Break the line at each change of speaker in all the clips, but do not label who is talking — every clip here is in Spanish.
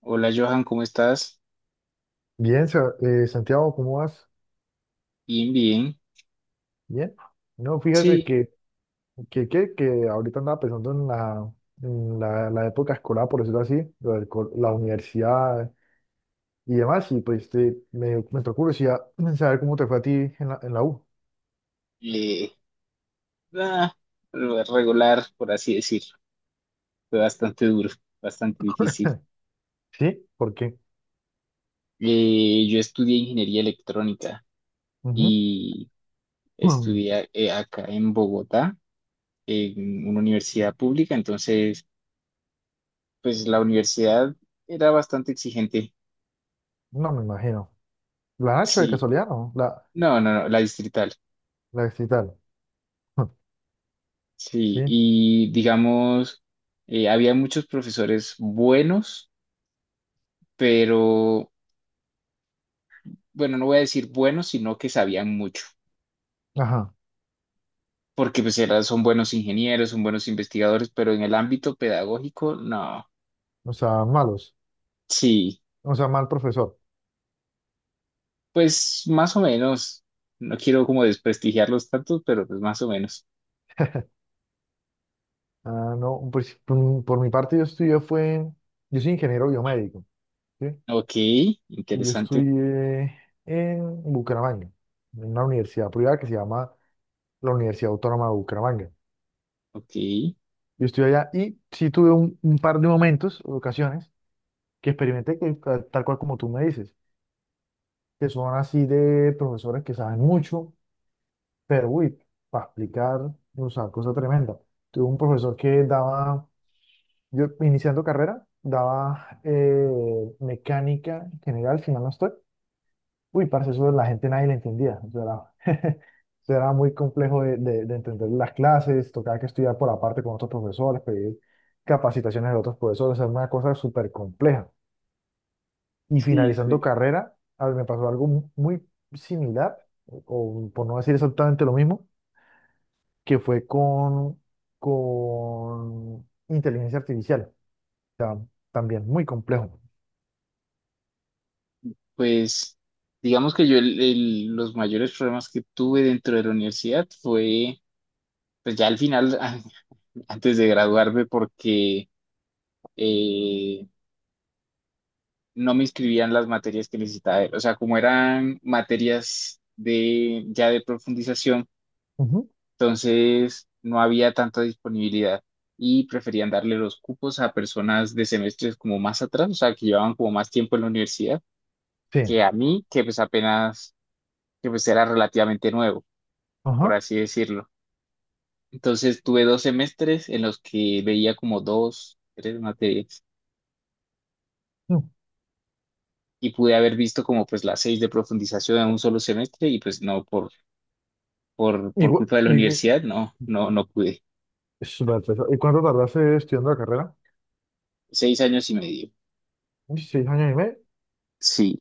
Hola Johan, ¿cómo estás?
Bien, Santiago, ¿cómo vas?
Bien, bien.
Bien. No, fíjate
Sí,
que ahorita andaba pensando en en la época escolar, por decirlo así, lo del co- la universidad y demás, y me entró curiosidad en saber cómo te fue a ti en en la U.
eh, ah, regular, por así decirlo. Fue bastante duro, bastante difícil.
¿Sí? ¿Por qué?
Yo estudié ingeniería electrónica
Ujú.
y
Mm,
estudié acá en Bogotá, en una universidad pública. Entonces, pues la universidad era bastante exigente.
no me imagino. ¿La Nacho de
Sí,
casualidad no? La,
no, la distrital.
la distrital.
Sí,
Sí,
y digamos, había muchos profesores buenos, pero bueno, no voy a decir buenos, sino que sabían mucho,
ajá,
porque son buenos ingenieros, son buenos investigadores, pero en el ámbito pedagógico, no,
o sea, malos,
sí,
o sea, mal profesor.
pues más o menos, no quiero como desprestigiarlos tanto, pero pues más o menos.
Ah, no, pues, por mi parte yo estudié fue, yo soy ingeniero biomédico, ¿sí?
Ok,
Yo
interesante,
estudié en Bucaramanga, en una universidad privada que se llama la Universidad Autónoma de Bucaramanga.
ok,
Yo estudié allá y sí tuve un par de momentos, ocasiones, que experimenté que, tal cual como tú me dices, que son así de profesores que saben mucho, pero uy, para explicar, o sea, cosa tremenda. Tuve un profesor que daba, yo iniciando carrera, daba mecánica general, si mal no estoy. Uy, parce, eso la gente nadie le entendía. Eso era, eso era muy complejo de entender las clases, tocaba que estudiar por aparte con otros profesores, pedir capacitaciones de otros profesores, es una cosa súper compleja. Y
sí,
finalizando
suele.
carrera, a ver, me pasó algo muy similar, o por no decir exactamente lo mismo, que fue con inteligencia artificial. O sea, también muy complejo.
Pues digamos que yo los mayores problemas que tuve dentro de la universidad fue, pues ya al final, antes de graduarme, porque eh, no me inscribían las materias que necesitaba él. O sea, como eran materias de ya de profundización,
Ujú,
entonces no había tanta disponibilidad y preferían darle los cupos a personas de semestres como más atrás, o sea, que llevaban como más tiempo en la universidad,
sí.
que a mí, que pues apenas, que pues era relativamente nuevo, por
Ajá.
así decirlo. Entonces tuve dos semestres en los que veía como dos, tres materias
Mm.
y pude haber visto como pues las seis de profundización en un solo semestre y pues no, por
Igual-
culpa de la
y, que-
universidad, no pude.
es súper pesado. ¿Y cuánto tardaste estudiando la carrera?
Seis años y medio.
Uy, seis años y medio.
Sí,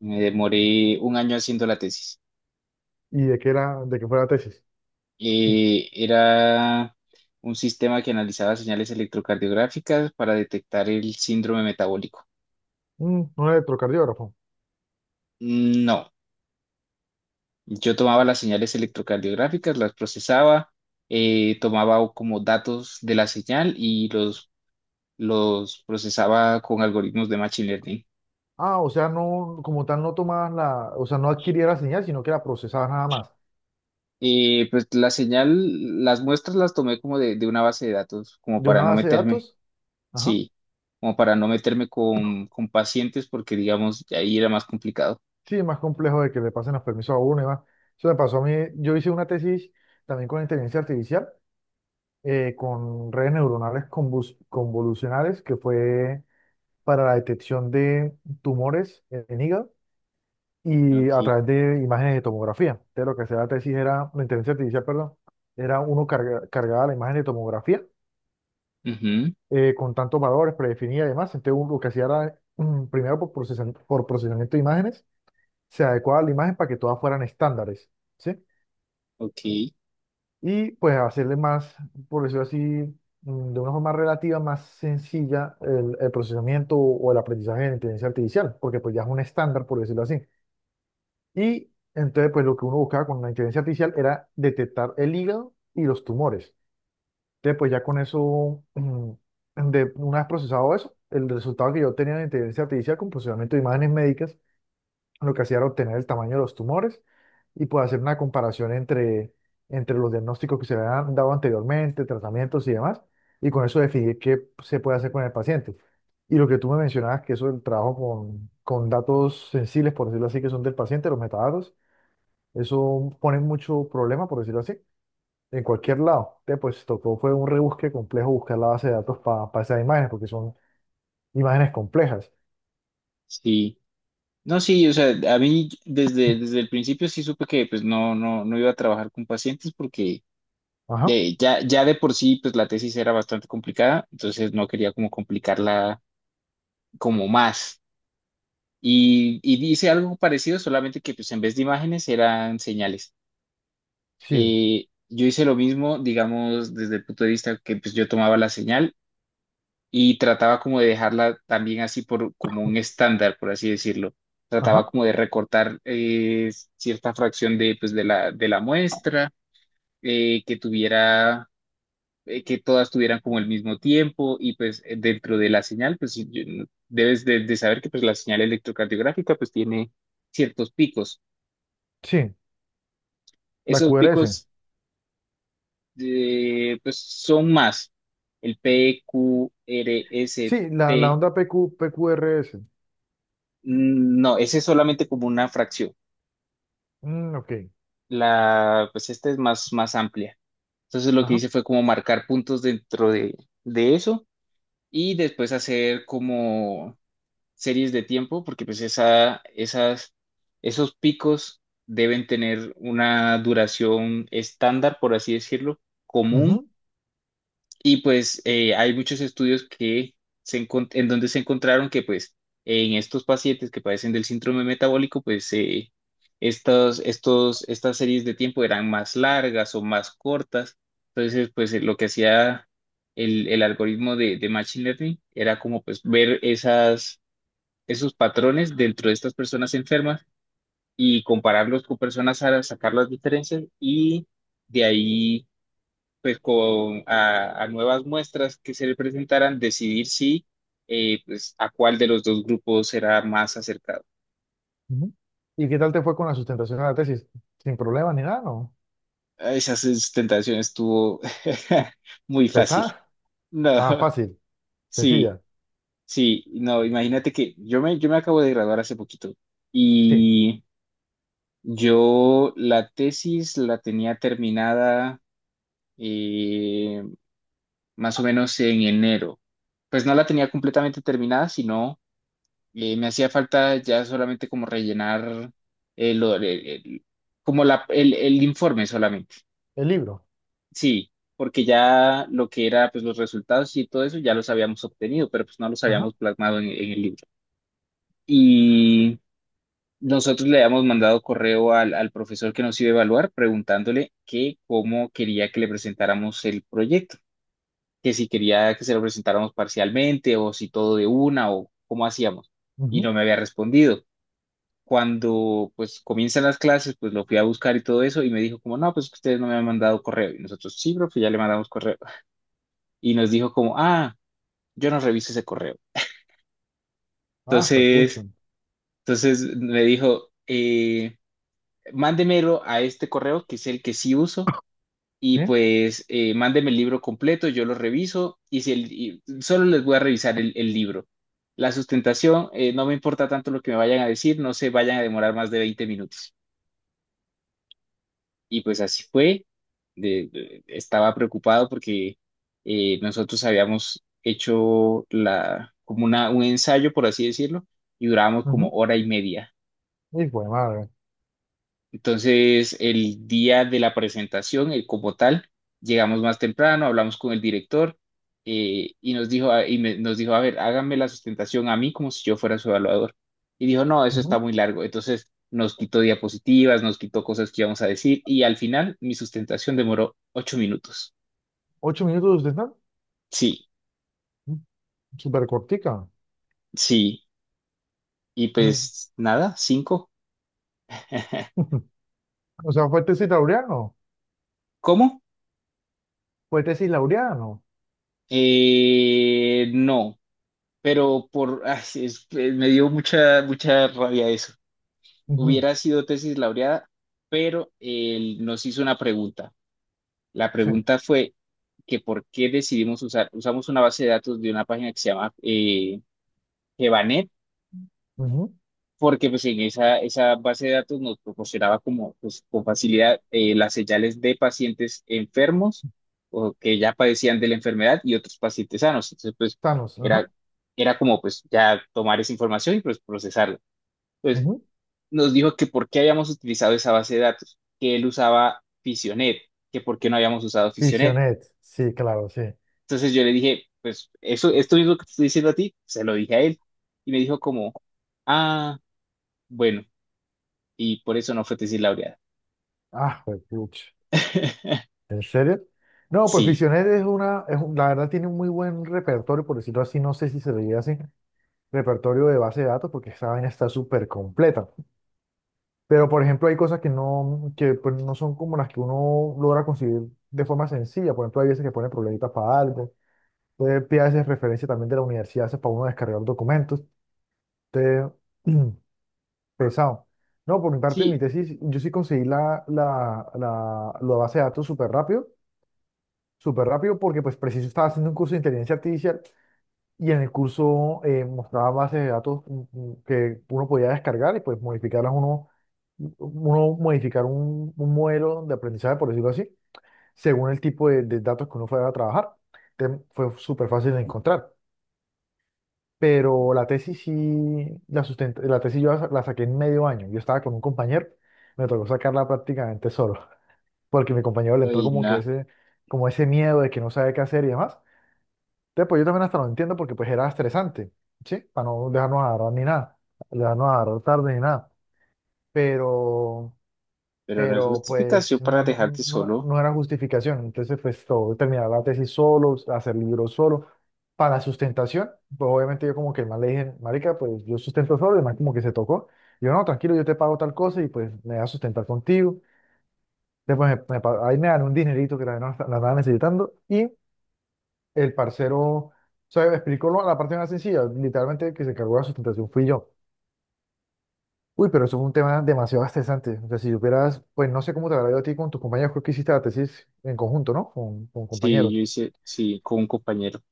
me demoré un año haciendo la tesis.
¿Y de qué era, de qué fue la tesis?
Era un sistema que analizaba señales electrocardiográficas para detectar el síndrome metabólico.
Mm, un electrocardiógrafo.
No, yo tomaba las señales electrocardiográficas, las procesaba, tomaba como datos de la señal y los procesaba con algoritmos de machine learning.
Ah, o sea, no, como tal, no tomabas la, o sea, no adquirías la señal, sino que la procesabas nada más.
Y pues la señal, las muestras las tomé como de una base de datos, como
De
para
una
no
base de
meterme,
datos, ajá.
sí, como para no meterme con pacientes porque digamos, ahí era más complicado.
Sí, es más complejo de que le pasen los permisos a uno y más. Eso me pasó a mí. Yo hice una tesis también con inteligencia artificial, con redes neuronales convolucionales, que fue para la detección de tumores en hígado y a
Ok,
través de imágenes de tomografía. De lo que hacía la tesis era, la inteligencia artificial, perdón, era uno cargaba la imagen de tomografía
ujú,
con tantos valores predefinidos y demás. Entonces, uno lo que hacía era, mm, primero por procesamiento de imágenes, se adecuaba la imagen para que todas fueran estándares, ¿sí?
ok,
Y pues hacerle más, por decirlo así, mm, de una forma relativa más sencilla el procesamiento o el aprendizaje de la inteligencia artificial, porque pues ya es un estándar, por decirlo así. Y entonces, pues lo que uno buscaba con la inteligencia artificial era detectar el hígado y los tumores. Entonces, pues ya con eso, mm, de, una vez procesado eso, el resultado que yo tenía en inteligencia artificial con procesamiento de imágenes médicas, lo que hacía era obtener el tamaño de los tumores y pues hacer una comparación entre los diagnósticos que se habían dado anteriormente, tratamientos y demás, y con eso definir qué se puede hacer con el paciente. Y lo que tú me mencionabas, que eso del trabajo con datos sensibles, por decirlo así, que son del paciente, los metadatos, eso pone mucho problema, por decirlo así, en cualquier lado. Entonces, pues tocó, fue un rebusque complejo buscar la base de datos para esas imágenes, porque son imágenes complejas.
sí. No, sí, o sea, a mí desde el principio sí supe que pues no iba a trabajar con pacientes porque
Ajá,
ya de por sí pues la tesis era bastante complicada, entonces no quería como complicarla como más. Y dice algo parecido, solamente que pues en vez de imágenes eran señales.
sí,
Yo hice lo mismo, digamos, desde el punto de vista que pues yo tomaba la señal y trataba como de dejarla también así por como un estándar, por así decirlo. Trataba
ajá,
como de recortar cierta fracción de pues de la muestra, eh, que tuviera, que todas tuvieran como el mismo tiempo y pues dentro de la señal, pues si yo- debes de saber que pues la señal electrocardiográfica pues tiene ciertos picos.
sí, la
Esos
QRS.
picos pues son más. El P, Q, R, S,
Sí, la
T.
onda PQ, PQRS.
Mm. No, ese es solamente como una fracción.
Mm, ok,
La, pues esta es más, más amplia. Entonces lo que
ajá.
hice fue como marcar puntos dentro de eso y después hacer como series de tiempo, porque esos picos deben tener una duración estándar, por así decirlo, común.
Ujú,
Y pues hay muchos estudios que en donde se encontraron que pues en estos pacientes que padecen del síndrome metabólico, pues estas series de tiempo eran más largas o más cortas. Entonces, pues lo que hacía el algoritmo de Machine Learning era como pues ver esos patrones dentro de estas personas enfermas y compararlos con personas sanas, sacar las diferencias y de ahí pues con a nuevas muestras que se le presentaran, decidir si pues a cuál de los dos grupos era más acercado.
ujú. ¿Y qué tal te fue con la sustentación de la tesis? ¿Sin problemas ni nada, no?
Esa sustentación estuvo muy fácil.
¿Pesada?
No,
Ah, fácil,
sí,
sencilla.
sí, no, imagínate que yo me acabo de graduar hace poquito
Sí,
y yo la tesis la tenía terminada eh, más o menos en enero. Pues no la tenía completamente terminada, sino. Me hacía falta ya solamente como rellenar el, el- el- como el informe solamente.
el libro.
Sí, porque ya lo que era pues los resultados y todo eso ya los habíamos obtenido, pero pues no los
Ajá.
habíamos plasmado en el libro. Y nosotros le habíamos mandado correo al profesor que nos iba a evaluar preguntándole que cómo quería que le presentáramos el proyecto, que si quería que se lo presentáramos parcialmente o si todo de una o cómo hacíamos. Y
Ujú.
no me había respondido. Cuando pues comienzan las clases, pues lo fui a buscar y todo eso y me dijo como, no, pues que ustedes no me han mandado correo. Y nosotros, sí, profe, ya le mandamos correo. Y nos dijo como, ah, yo no reviso ese correo.
Ah, fue pucho.
Entonces, entonces me dijo, mándemelo a este correo, que es el que sí uso, y
Sí.
pues mándeme el libro completo, yo lo reviso y, si el- y solo les voy a revisar el libro. La sustentación, no me importa tanto lo que me vayan a decir, no se vayan a demorar más de 20 minutos. Y pues así fue. Estaba preocupado porque nosotros habíamos hecho un ensayo, por así decirlo, y durábamos como
Ujú.
hora y media.
Y fue madre.
Entonces, el día de la presentación, como tal, llegamos más temprano, hablamos con el director y nos dijo, nos dijo, a ver, háganme la sustentación a mí como si yo fuera su evaluador. Y dijo, no, eso está muy largo. Entonces, nos quitó diapositivas, nos quitó cosas que íbamos a decir y al final mi sustentación demoró 8 minutos.
Ocho minutos de stand,
Sí,
súper cortica.
sí. Y
Mm.
pues nada, cinco.
O sea, fue tesis laureano,
¿Cómo?
fue tesis laureano.
No, pero ay, me dio mucha, mucha rabia eso.
Ujú,
Hubiera sido tesis laureada, pero él nos hizo una pregunta. La
sí.
pregunta fue que por qué usamos una base de datos de una página que se llama Evanet,
Ujú.
porque pues en esa base de datos nos proporcionaba como pues, con facilidad las señales de pacientes enfermos o que ya padecían de la enfermedad y otros pacientes sanos. Entonces pues
Thanos,
era,
ajá.
era como pues ya tomar esa información y pues procesarla. Pues
Ujú.
nos dijo que por qué habíamos utilizado esa base de datos, que él usaba Fisionet, que por qué no habíamos usado Fisionet.
Fisionet, sí, claro, sí.
Entonces yo le dije, pues eso, esto mismo que te estoy diciendo a ti, se lo dije a él. Y me dijo como, ah, bueno, y por eso no fue tesis laureada.
Ah, pues, puch. ¿En serio? No, pues
Sí,
Fisionet es una, la verdad tiene un muy buen repertorio, por decirlo así, no sé si se le diría así, repertorio de base de datos, porque esa vaina está súper completa. Pero, por ejemplo, hay cosas que no, que pues, no son como las que uno logra conseguir de forma sencilla. Por ejemplo, hay veces que ponen problemitas para algo. Usted hace referencia también de la universidad, eso es para uno descargar documentos. Usted, pesado. No, por mi parte, en mi
sí,
tesis, yo sí conseguí la base de datos súper rápido, porque pues preciso estaba haciendo un curso de inteligencia artificial y en el curso mostraba bases de datos que uno podía descargar y pues modificarlas uno, uno modificar un modelo de aprendizaje, por decirlo así, según el tipo de datos que uno fuera a trabajar. Entonces, fue súper fácil de encontrar. Pero la tesis sí la sustenta, la tesis yo la saqué en medio año. Yo estaba con un compañero, me tocó sacarla prácticamente solo, porque mi compañero le entró
ay,
como que
no,
ese, como ese miedo de que no sabe qué hacer y demás. Entonces, pues yo también hasta lo entiendo porque pues era estresante, ¿sí? Para no dejarnos agarrar ni nada, dejarnos agarrar tarde ni nada. Pero
pero no es
pero
justificación
pues
para
no,
dejarte solo.
no era justificación. Entonces, pues todo, terminar la tesis solo, hacer libros solo. Para sustentación, pues obviamente yo como que más le dije, marica, pues yo sustento solo, además como que se tocó. Y yo, no, tranquilo, yo te pago tal cosa y pues me voy a sustentar contigo. Después ahí me dan un dinerito que la no la andaba necesitando y el parcero, o sea, me explicó la parte más sencilla, literalmente el que se encargó de la sustentación fui yo. Uy, pero eso fue un tema demasiado estresante. O sea, si supieras, pues no sé cómo te habrá ido a ti con tus compañeros, creo que hiciste la tesis en conjunto, ¿no? Con
Sí, yo
compañeros.
hice, sí, con un compañero.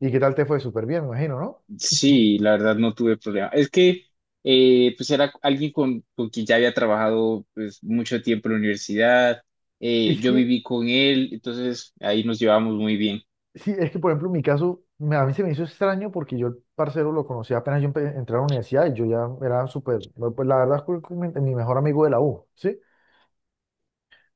¿Y qué tal te fue? Súper bien, me imagino, ¿no? Ujú.
Sí, la verdad no tuve problema. Es que pues era alguien con quien ya había trabajado pues, mucho tiempo en la universidad.
Es
Yo
que,
viví con él, entonces ahí nos llevábamos muy bien.
sí, es que por ejemplo, en mi caso, a mí se me hizo extraño porque yo el parcero lo conocí apenas yo entré a la universidad y yo ya era súper, no, pues la verdad es que mi mejor amigo de la U, ¿sí?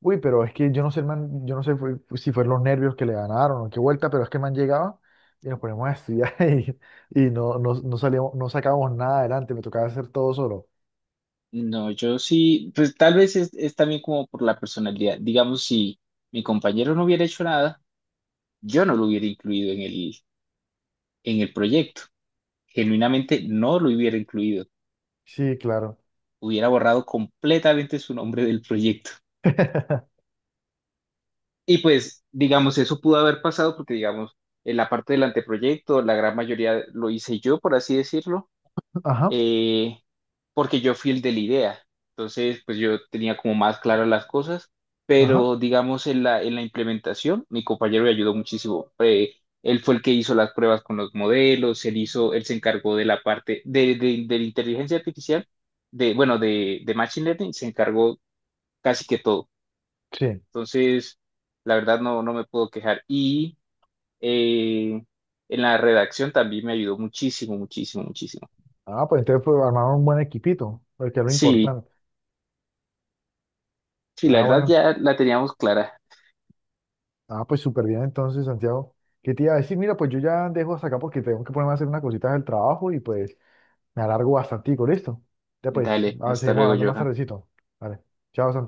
Uy, pero es que yo no sé, el man, yo no sé pues, si fueron los nervios que le ganaron o qué vuelta, pero es que el man llegaba y nos poníamos a estudiar y no, salíamos, no sacábamos nada adelante, me tocaba hacer todo solo.
No, yo sí, pues tal vez es también como por la personalidad. Digamos, si mi compañero no hubiera hecho nada, yo no lo hubiera incluido en en el proyecto. Genuinamente no lo hubiera incluido.
Sí, claro.
Hubiera borrado completamente su nombre del proyecto. Y pues, digamos, eso pudo haber pasado porque, digamos, en la parte del anteproyecto, la gran mayoría lo hice yo, por así decirlo,
Ajá,
eh, porque yo fui el de la idea. Entonces, pues yo tenía como más claras las cosas,
ajá,
pero digamos, en en la implementación, mi compañero me ayudó muchísimo. Él fue el que hizo las pruebas con los modelos, él se encargó de la parte de la inteligencia artificial, de, bueno, de Machine Learning, se encargó casi que todo.
sí.
Entonces, la verdad no, no me puedo quejar. Y eh, en la redacción también me ayudó muchísimo, muchísimo, muchísimo.
Ah, pues entonces pues, armaron un buen equipito, porque es lo
Sí,
importante.
sí, la
Ah,
verdad
bueno.
ya la teníamos clara.
Ah, pues súper bien entonces, Santiago. ¿Qué te iba a decir? Mira, pues yo ya dejo hasta acá porque tengo que ponerme a hacer unas cositas del trabajo y pues me alargo bastante, ¿listo? Ya pues,
Dale,
a ver,
hasta
seguimos
luego,
hablando más
Johan.
tardecito. Vale. Chao, Santiago.